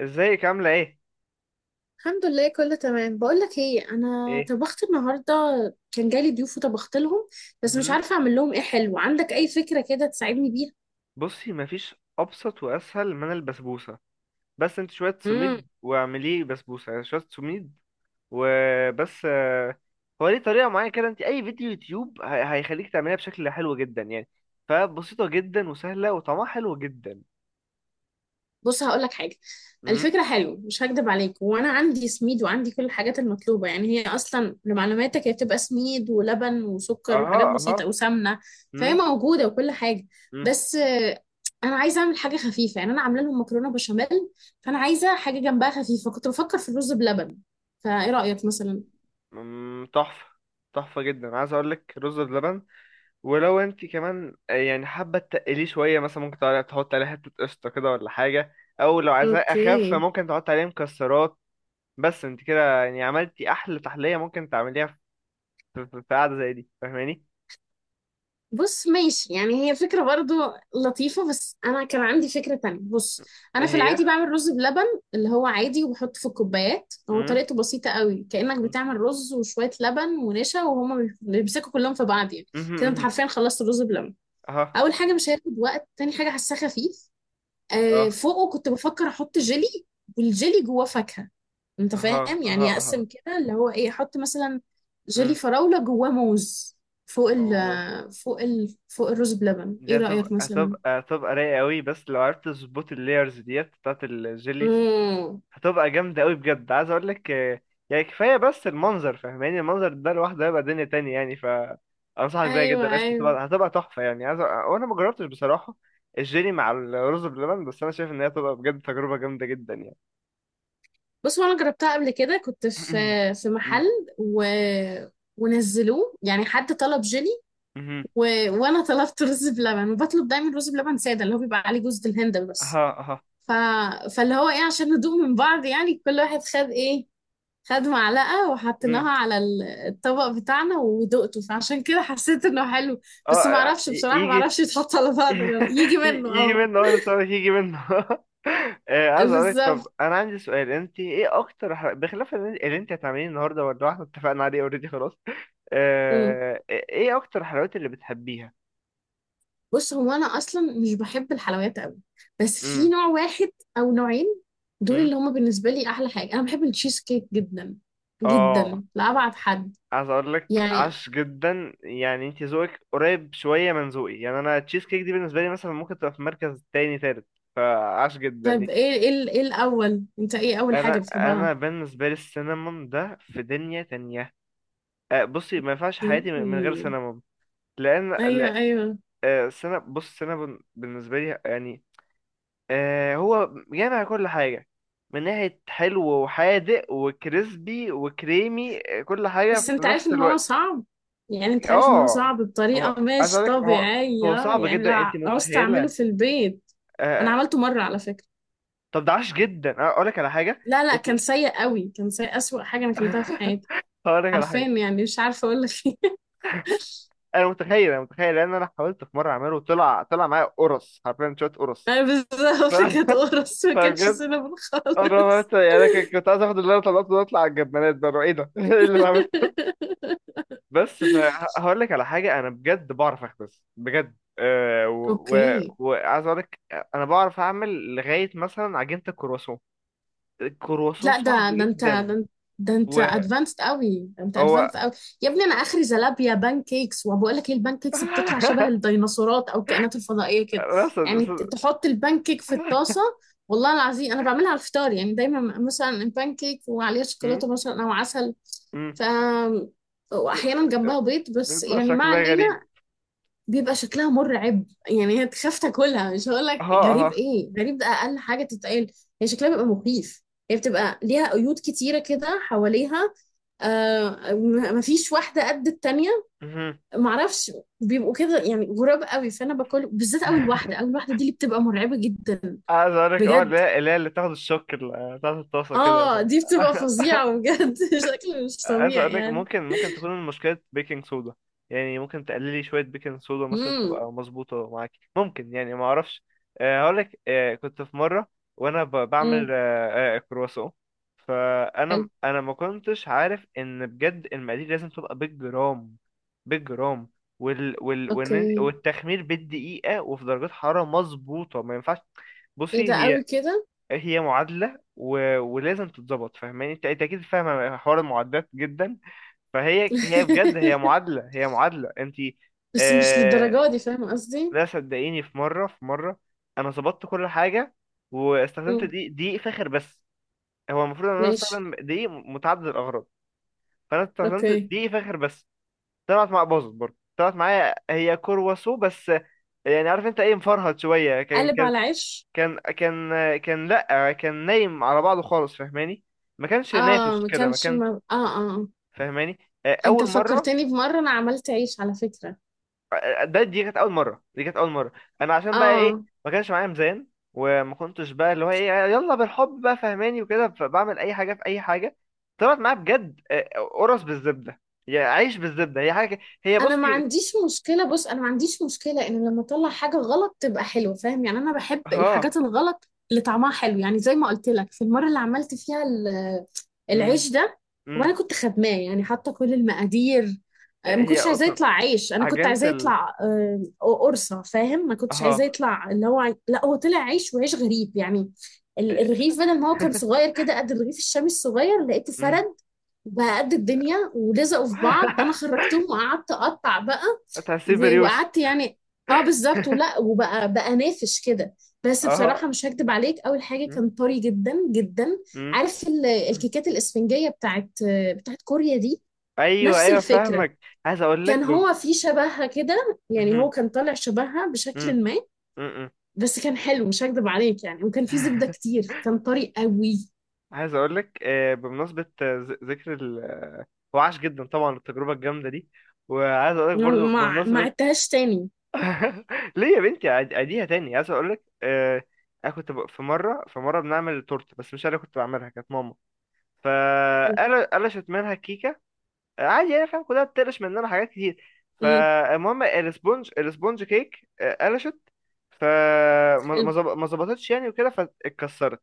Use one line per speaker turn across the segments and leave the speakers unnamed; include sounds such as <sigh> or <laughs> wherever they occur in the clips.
ازيك عاملة ايه؟
الحمد لله، كله تمام. بقول لك ايه، انا
ايه
طبخت النهارده. كان جالي ضيوف وطبخت لهم، بس مش
مهم.
عارفه اعمل لهم ايه حلو. عندك اي فكره كده تساعدني بيها؟
بصي مفيش أبسط وأسهل من البسبوسة. بس انت شوية
امم.
سميد واعمليه بسبوسة، يعني شوية سميد وبس. هو ليه طريقة معينة كده. انت أي فيديو يوتيوب هيخليك تعمليها بشكل حلو جدا يعني. فبسيطة جدا وسهلة وطعمها حلو جدا.
بص، هقول لك حاجه.
مم.
الفكره حلوه، مش هكدب عليك. وانا عندي سميد وعندي كل الحاجات المطلوبه، يعني هي اصلا لمعلوماتك هي بتبقى سميد ولبن وسكر
اها
وحاجات
اها.
بسيطه وسمنه. فهي
مم.
موجوده وكل حاجه.
مم.
بس انا عايزه اعمل حاجه خفيفه. يعني انا عامله لهم مكرونه بشاميل، فانا عايزه حاجه جنبها خفيفه. كنت بفكر في الرز بلبن، فايه رايك مثلا؟
مم. تحفة، تحفة جدا. عايز أقولك رز بلبن. ولو انت كمان يعني حابه تقليه شويه، مثلا ممكن تحط عليه حته قشطه كده ولا حاجه. او لو عايزاه اخف
اوكي.
فممكن تحط عليه مكسرات. بس انت كده يعني عملتي احلى تحليه ممكن تعمليها في قعده زي دي، فاهماني؟
بص، ماشي، يعني هي فكرة برضو لطيفة، بس انا كان عندي فكرة تانية. بص،
ايه
انا في
هي؟
العادي بعمل رز بلبن، اللي هو عادي، وبحط في الكوبايات. هو
امم،
طريقته بسيطة قوي، كأنك
امم،
بتعمل رز وشوية لبن ونشا وهما بيمسكوا كلهم في بعض يعني. كده انت
امم.
حرفيا خلصت الرز بلبن.
اها،
اول حاجة مش هياخد وقت، تاني حاجة هساه خفيف. آه،
اه،
فوقه كنت بفكر احط جيلي، والجيلي جواه فاكهة. انت
اها
فاهم؟
اها
يعني
اها.
اقسم كده اللي هو ايه، احط مثلا جيلي
امم.
فراولة جواه موز فوق ال
اوه،
فوق ال فوق الرز بلبن. ايه
دي هتبقى
رأيك مثلا؟
هتبقى هتبقى رايقه قوي، بس لو عرفت تظبط اللايرز ديت بتاعت الجيلي
امم.
هتبقى جامدة قوي بجد. عايز اقول لك يعني كفاية بس المنظر، فاهماني؟ المنظر ده لوحده هيبقى دنيا تانية يعني. ف انصحك بيها
ايوه
جدا قشطة.
ايوه.
هتبقى تحفة يعني. عايز وانا ما جربتش بصراحة الجيلي مع الرز بلبن، بس انا شايف ان هي هتبقى بجد تجربة جامدة جدا يعني.
بص، هو انا جربتها قبل كده، كنت في
<clears throat> مم.
محل و... ونزلوه، يعني حد طلب جيلي،
مهم.
و... وانا طلبت رز بلبن، وبطلب دايما رز بلبن ساده اللي هو بيبقى عليه جوز الهند بس.
اها اها.
ف... فاللي هو ايه، عشان ندوق من بعض يعني، كل واحد خد ايه، خد معلقة
مم.
وحطيناها على الطبق بتاعنا ودقته، فعشان كده حسيت انه حلو.
اه،
بس ما اعرفش بصراحة، ما
يجي.
اعرفش
<laughs>
يتحط على بعض ولا لا. يجي منه
يجي
اه.
منه اه، لسه هقولك يجي منه. <laughs> عايز اقولك، طب
بالظبط.
انا عندي سؤال. انت ايه اكتر بخلاف اللي انت هتعمليه النهارده، ولا احنا اتفقنا عليه اوريدي خلاص؟
مم.
ايه اكتر الحلويات اللي بتحبيها؟
بص، هو انا اصلا مش بحب الحلويات قوي، بس في
امم،
نوع واحد او نوعين، دول
امم،
اللي هما بالنسبة لي احلى حاجة. انا بحب التشيز كيك جدا
اه.
جدا، لأبعد حد
عايز اقول لك
يعني.
عاش جدا. يعني انت ذوقك قريب شويه من ذوقي. يعني انا تشيز كيك دي بالنسبه لي مثلا ممكن تبقى في مركز تاني تالت، فعاش جدا
طيب،
يعني.
ايه الاول، انت ايه اول
انا
حاجة
انا
بتحبها؟
بالنسبه لي السينامون ده في دنيا تانية. بصي ما ينفعش حياتي من
اوكي.
من غير سينامون. لان
ايوه
لا.
ايوه.
بص السينامون بالنسبه لي يعني آه هو جامع كل حاجة. من ناحية حلو وحادق وكريسبي وكريمي، كل حاجة
بس
في
انت عارف
نفس
ان هو
الوقت.
صعب، يعني انت عارف ان هو
اه
صعب بطريقة
هو عايز
مش
أقولك، هو هو
طبيعية،
صعب
يعني
جدا، انت
لا عوزت اعمله
متخيلة؟
في البيت. انا
آه.
عملته مرة على فكرة.
طب ده عاش جدا. أنا أقولك على حاجة.
لا لا،
انت.
كان سيء قوي، كان سيء، اسوأ حاجة انا اكلتها في حياتي.
<laughs> هقولك على
حرفيا
حاجة.
يعني مش عارفة اقول لك ايه. <laughs>
أنا متخيل لأن أنا حاولت في مرة أعمله، طلع معايا قرص حرفيا، شوية قرص.
انا
ف-
بالظبط كانت
<laughs>
قرص، ما كانش
فبجد
سينابون
أنا ما-
خالص.
يعني أنا كنت عايز آخد اللي أنا طلعته ده أطلع على الجبانات بقى. إيه ده؟ <laughs> إيه اللي بعمله؟ بس
<laughs>
فهقول لك على حاجه. انا بجد بعرف اخبز بجد. أه
اوكي.
وعايز اقول لك انا بعرف اعمل لغايه مثلا عجينه الكرواسون. الكرواسون
لا،
صعب
ده انت، ده
جدا.
انت، ده انت ادفانسد قوي، ده انت
وهو
ادفانسد قوي. يا ابني، انا اخري زلابيا بان كيكس. وبقول لك ايه، البان كيكس بتطلع شبه
<laughs>
الديناصورات او الكائنات الفضائيه كده.
بس
يعني
بس-
تحط البان كيك في الطاسه. والله العظيم انا بعملها على الفطار، يعني دايما مثلا البان كيك وعليها
م-
شوكولاته مثلا او عسل.
م-
ف واحيانا جنبها بيض، بس
بيطلع
يعني ما
شكلها غريب.
علينا. بيبقى شكلها مرعب يعني، هي اكتشفت تاكلها. مش هقول لك
ها
غريب،
ها
ايه غريب، ده اقل حاجه تتقال. هي شكلها بيبقى مخيف، هي بتبقى ليها قيود كتيره كده حواليها. آه، مفيش واحده قد التانيه.
مهم.
معرفش، بيبقوا كده يعني غراب قوي. فانا باكل بالذات اول واحده، اول
<laughs>
واحده دي اللي بتبقى مرعبه جدا.
عايز اقول لك اه،
بجد
لا لا، اللي تاخد الشوك بتاعت الطاسه كده.
اه، دي بتبقى
<laughs>
فظيعه بجد. <laughs> شكل مش
عايز
طبيعي
اقولك
يعني.
ممكن، ممكن تكون المشكلة بيكنج صودا. يعني ممكن تقللي شوية بيكنج صودا مثلا
امم.
تبقى مظبوطة معاكي، ممكن، يعني ما اعرفش. هقولك، كنت في مرة وانا بعمل
امم.
كرواسون. فانا
حلو.
انا ما كنتش عارف ان بجد المقادير لازم تبقى بالجرام، بالجرام. وال وال
اوكي.
والتخمير بالدقيقة وفي درجات حرارة مظبوطة، ما ينفعش.
ايه
بصي
ده
هي،
قوي كده.
هي معادلة و... ولازم تتظبط، فاهماني انت؟ أنت اكيد فاهمة حوار المعادلات جدا. فهي بجد هي
<laughs>
معادلة، هي معادلة انت.
بس مش
آه.
للدرجة دي، فاهم قصدي؟
لا صدقيني، في مرة انا ظبطت كل حاجة، واستخدمت
مم.
دقيق فاخر بس. هو المفروض ان انا
ماشي.
استخدم دقيق متعدد الاغراض، فانا استخدمت
اوكي.
دقيق فاخر بس. طلعت مع، باظت برضه، طلعت معايا هي كرواسو بس. يعني عارف انت ايه، مفرهد شوية. كان
قلب
كان
على عيش.
كان كان كان، لا كان نايم على بعضه خالص، فاهماني؟ ما كانش
اه
نافش
ما
كده، ما
كانش، ما...
كانش.
اه اه آه.
فاهماني؟
انت
اول مرة.
فكرتني بمرة انا عملت عيش على فكرة.
آه، دي كانت اول مره، دي كانت اول مره. انا عشان بقى ايه،
اه،
ما كانش معايا ميزان. وما كنتش بقى اللي هو ايه، يلا بالحب بقى فهماني وكده، فبعمل اي حاجه في اي حاجه. طلعت معايا بجد قرص بالزبده، يا عيش بالزبده. هي حاجه، هي
انا ما
بصي.
عنديش مشكله. بص، انا ما عنديش مشكله ان لما اطلع حاجه غلط تبقى حلوه، فاهم يعني؟ انا بحب
ها.
الحاجات الغلط اللي طعمها حلو، يعني زي ما قلت لك في المره اللي عملت فيها
امم،
العيش ده.
امم.
وانا كنت خدماه يعني، حاطه كل المقادير. ما
هي
كنتش عايزاه
اصلا
يطلع عيش، انا كنت
عجينه
عايزاه
ال.
يطلع قرصه، فاهم؟ ما كنتش
ها.
عايزاه يطلع اللي هو لا، هو طلع عيش، وعيش غريب يعني. الرغيف بدل ما هو كان صغير كده قد الرغيف الشامي الصغير، لقيته
امم.
فرد، بقى قد الدنيا، ولزقوا في بعض. انا
<laughs>
خرجتهم وقعدت اقطع بقى،
تحسيه بريوش.
وقعدت يعني. اه بالظبط، ولا وبقى نافش كده. بس
اه.
بصراحة مش هكدب عليك، أول حاجة
مم.
كان طري جدا جدا.
مم.
عارف الكيكات الإسفنجية بتاعت كوريا دي؟
ايوه
نفس
ايوه
الفكرة.
فاهمك. عايز اقول لك
كان
بب...
هو في شبهها كده، يعني هو
مم.
كان طالع شبهها
مم.
بشكل ما.
مم.
بس كان حلو مش هكدب عليك يعني، وكان في زبدة كتير، كان طري قوي.
عايز اقول لك بمناسبه ذكر ال... هو عاش جدا طبعا التجربه الجامده دي. وعايز اقول لك
ما
برضو
ما ما
بمناسبه.
عدتهاش تاني.
<laughs> ليه يا بنتي؟ اديها تاني. عايز اقول لك انا كنت في مره بنعمل تورته، بس مش انا اللي كنت بعملها، كانت ماما.
حلو.
فقال قلشت منها الكيكه. عادي يعني، فاهم؟ كلها بتقلش مننا حاجات كتير.
امم.
فالمهم الاسبونج كيك قلشت. فما
حلو.
ما ما ظبطتش يعني وكده، فاتكسرت.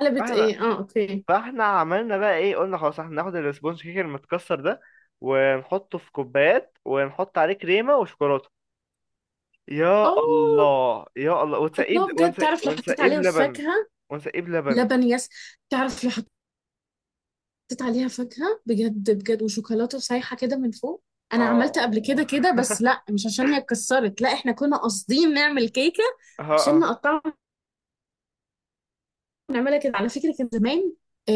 قلبت ايه؟ اه اوكي.
فاحنا عملنا بقى ايه، قلنا خلاص احنا هناخد السبونج كيك المتكسر ده ونحطه في كوبايات ونحط عليه كريمة وشوكولاتة. يا
اه،
الله يا الله ونسقيه
الله، بجد تعرف لو حطيت
ونسقيه
عليها
بلبن،
فاكهة؟
ونسقيه بلبن.
لبن، يس. تعرف لو حطيت عليها فاكهة بجد بجد وشوكولاتة سايحة كده من فوق. انا عملت قبل كده
اه.
كده، بس
<laughs>
لا مش عشان هي اتكسرت، لا، احنا كنا قاصدين نعمل كيكة
اه
عشان
اه.
نقطعها. بنعملها كده على فكرة، كان زمان. آه،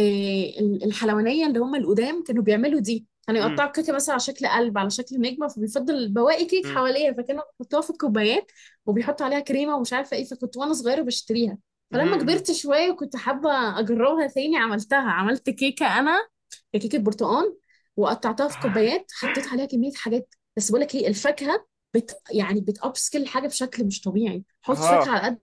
الحلوانية اللي هم القدام كانوا بيعملوا دي، كانوا
أمم،
يقطعوا الكيكة مثلا على شكل قلب، على شكل نجمة، فبيفضل بواقي كيك
أمم،
حواليها، فكانوا بيحطوها في الكوبايات وبيحطوا عليها كريمة ومش عارفة ايه. فكنت وانا صغيرة بشتريها،
أمم،
فلما
أمم.
كبرت شوية وكنت حابة أجربها تاني، عملتها، عملت كيكة أنا، كيكة برتقال. وقطعتها في كوبايات، حطيت
<laughs>
عليها كمية حاجات. بس بقول لك ايه، الفاكهة بت يعني بتأبسكل الحاجة بشكل مش طبيعي. حط فاكهة
اه.
على قد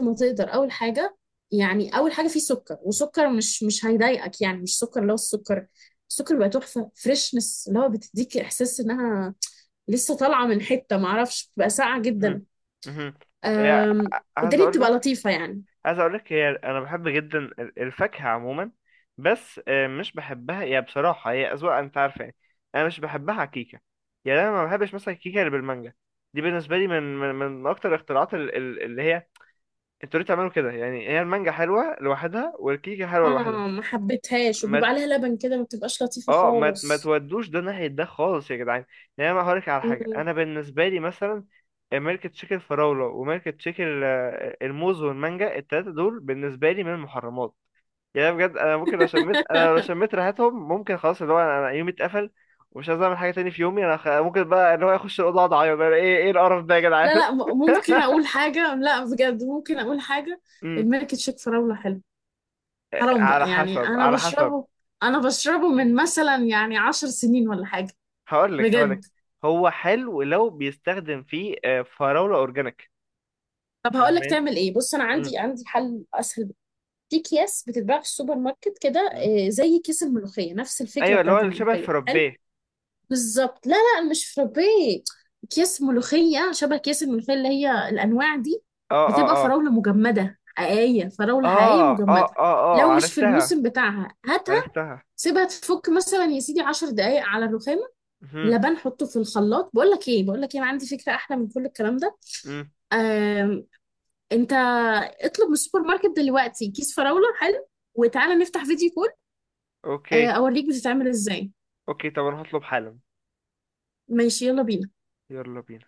ما تقدر. اول حاجه يعني، اول حاجه فيه سكر، وسكر مش هيضايقك، يعني مش سكر اللي هو السكر. السكر بقى تحفه، فريشنس، اللي هو بتديك احساس انها لسه طالعه من حته ما اعرفش، بتبقى ساقعه
أمم،
جدا.
أمم. يعني
أم،
<laughs> عايز
والدنيا
اقول
بتبقى
لك،
لطيفه يعني.
هي انا بحب جدا الفاكهه عموما، بس مش بحبها يا، بصراحه هي اذواق انت عارفه يعني. انا مش بحبها على كيكه. يعني انا ما بحبش مثلا الكيكه اللي بالمانجا. دي بالنسبه لي من، من, من اكتر الاختراعات اللي هي انتوا ليه تعملوا كده يعني؟ هي المانجا حلوه لوحدها والكيكه حلوه لوحدها.
اه ما حبيتهاش،
ما
وبيبقى
ت-
عليها لبن كده ما بتبقاش لطيفه
اه، ما
خالص.
تودوش ده ناحيه ده خالص يا جدعان. يعني انا هقول لك على حاجه.
مم.
انا بالنسبه لي مثلا ميلك تشيك الفراوله وميلك تشيك الموز والمانجا، التلاته دول بالنسبه لي من المحرمات. يعني بجد انا ممكن لو شميت، انا لو
<laughs>
شميت ريحتهم ممكن خلاص اللي هو انا، أنا يومي اتقفل، ومش عايز اعمل حاجه تاني في يومي. انا خ... ممكن بقى اللي هو اخش الاوضه اقعد اعيط بقى، ايه، ايه القرف ده يا
لا
جدعان؟
لا،
<laughs>
ممكن اقول حاجه، لا بجد ممكن اقول حاجه.
امم.
الملك تشيك فراوله حلو، حرام
على
بقى يعني.
حسب
انا
على حسب.
بشربه، انا بشربه من مثلا يعني 10 سنين ولا حاجه،
هقول لك
بجد.
هو حلو لو بيستخدم فيه فراوله اورجانيك.
طب هقول لك
فاهمين.
تعمل ايه. بص، انا
امم،
عندي حل اسهل بكتير. في اكياس بتتباع في السوبر ماركت كده،
امم.
زي كيس الملوخيه، نفس الفكره
ايوه، اللي هو
بتاعت
اللي شبه
الملوخيه حلو.
الفرابيه.
بالظبط، لا لا، مش فرابيه. اكياس ملوخيه، شبه اكياس الملوخيه اللي هي الانواع دي.
اه اه
بتبقى
اه
فراوله مجمده حقيقيه، فراوله حقيقيه
اه، اه
مجمده.
اه اه،
لو مش في
عرفتها،
الموسم بتاعها هاتها،
عرفتها.
سيبها تفك مثلا يا سيدي 10 دقايق على الرخام.
امم.
لبن، حطه في الخلاط. بقول لك ايه، بقول لك ايه، انا عندي فكره احلى من كل الكلام ده. آم، انت اطلب من السوبر ماركت دلوقتي كيس فراوله حلو، وتعالى نفتح فيديو كول،
اوكي.
اوريك بتتعمل ازاي.
اوكي، طب انا هطلب حالا.
ماشي، يلا بينا.
يلا بينا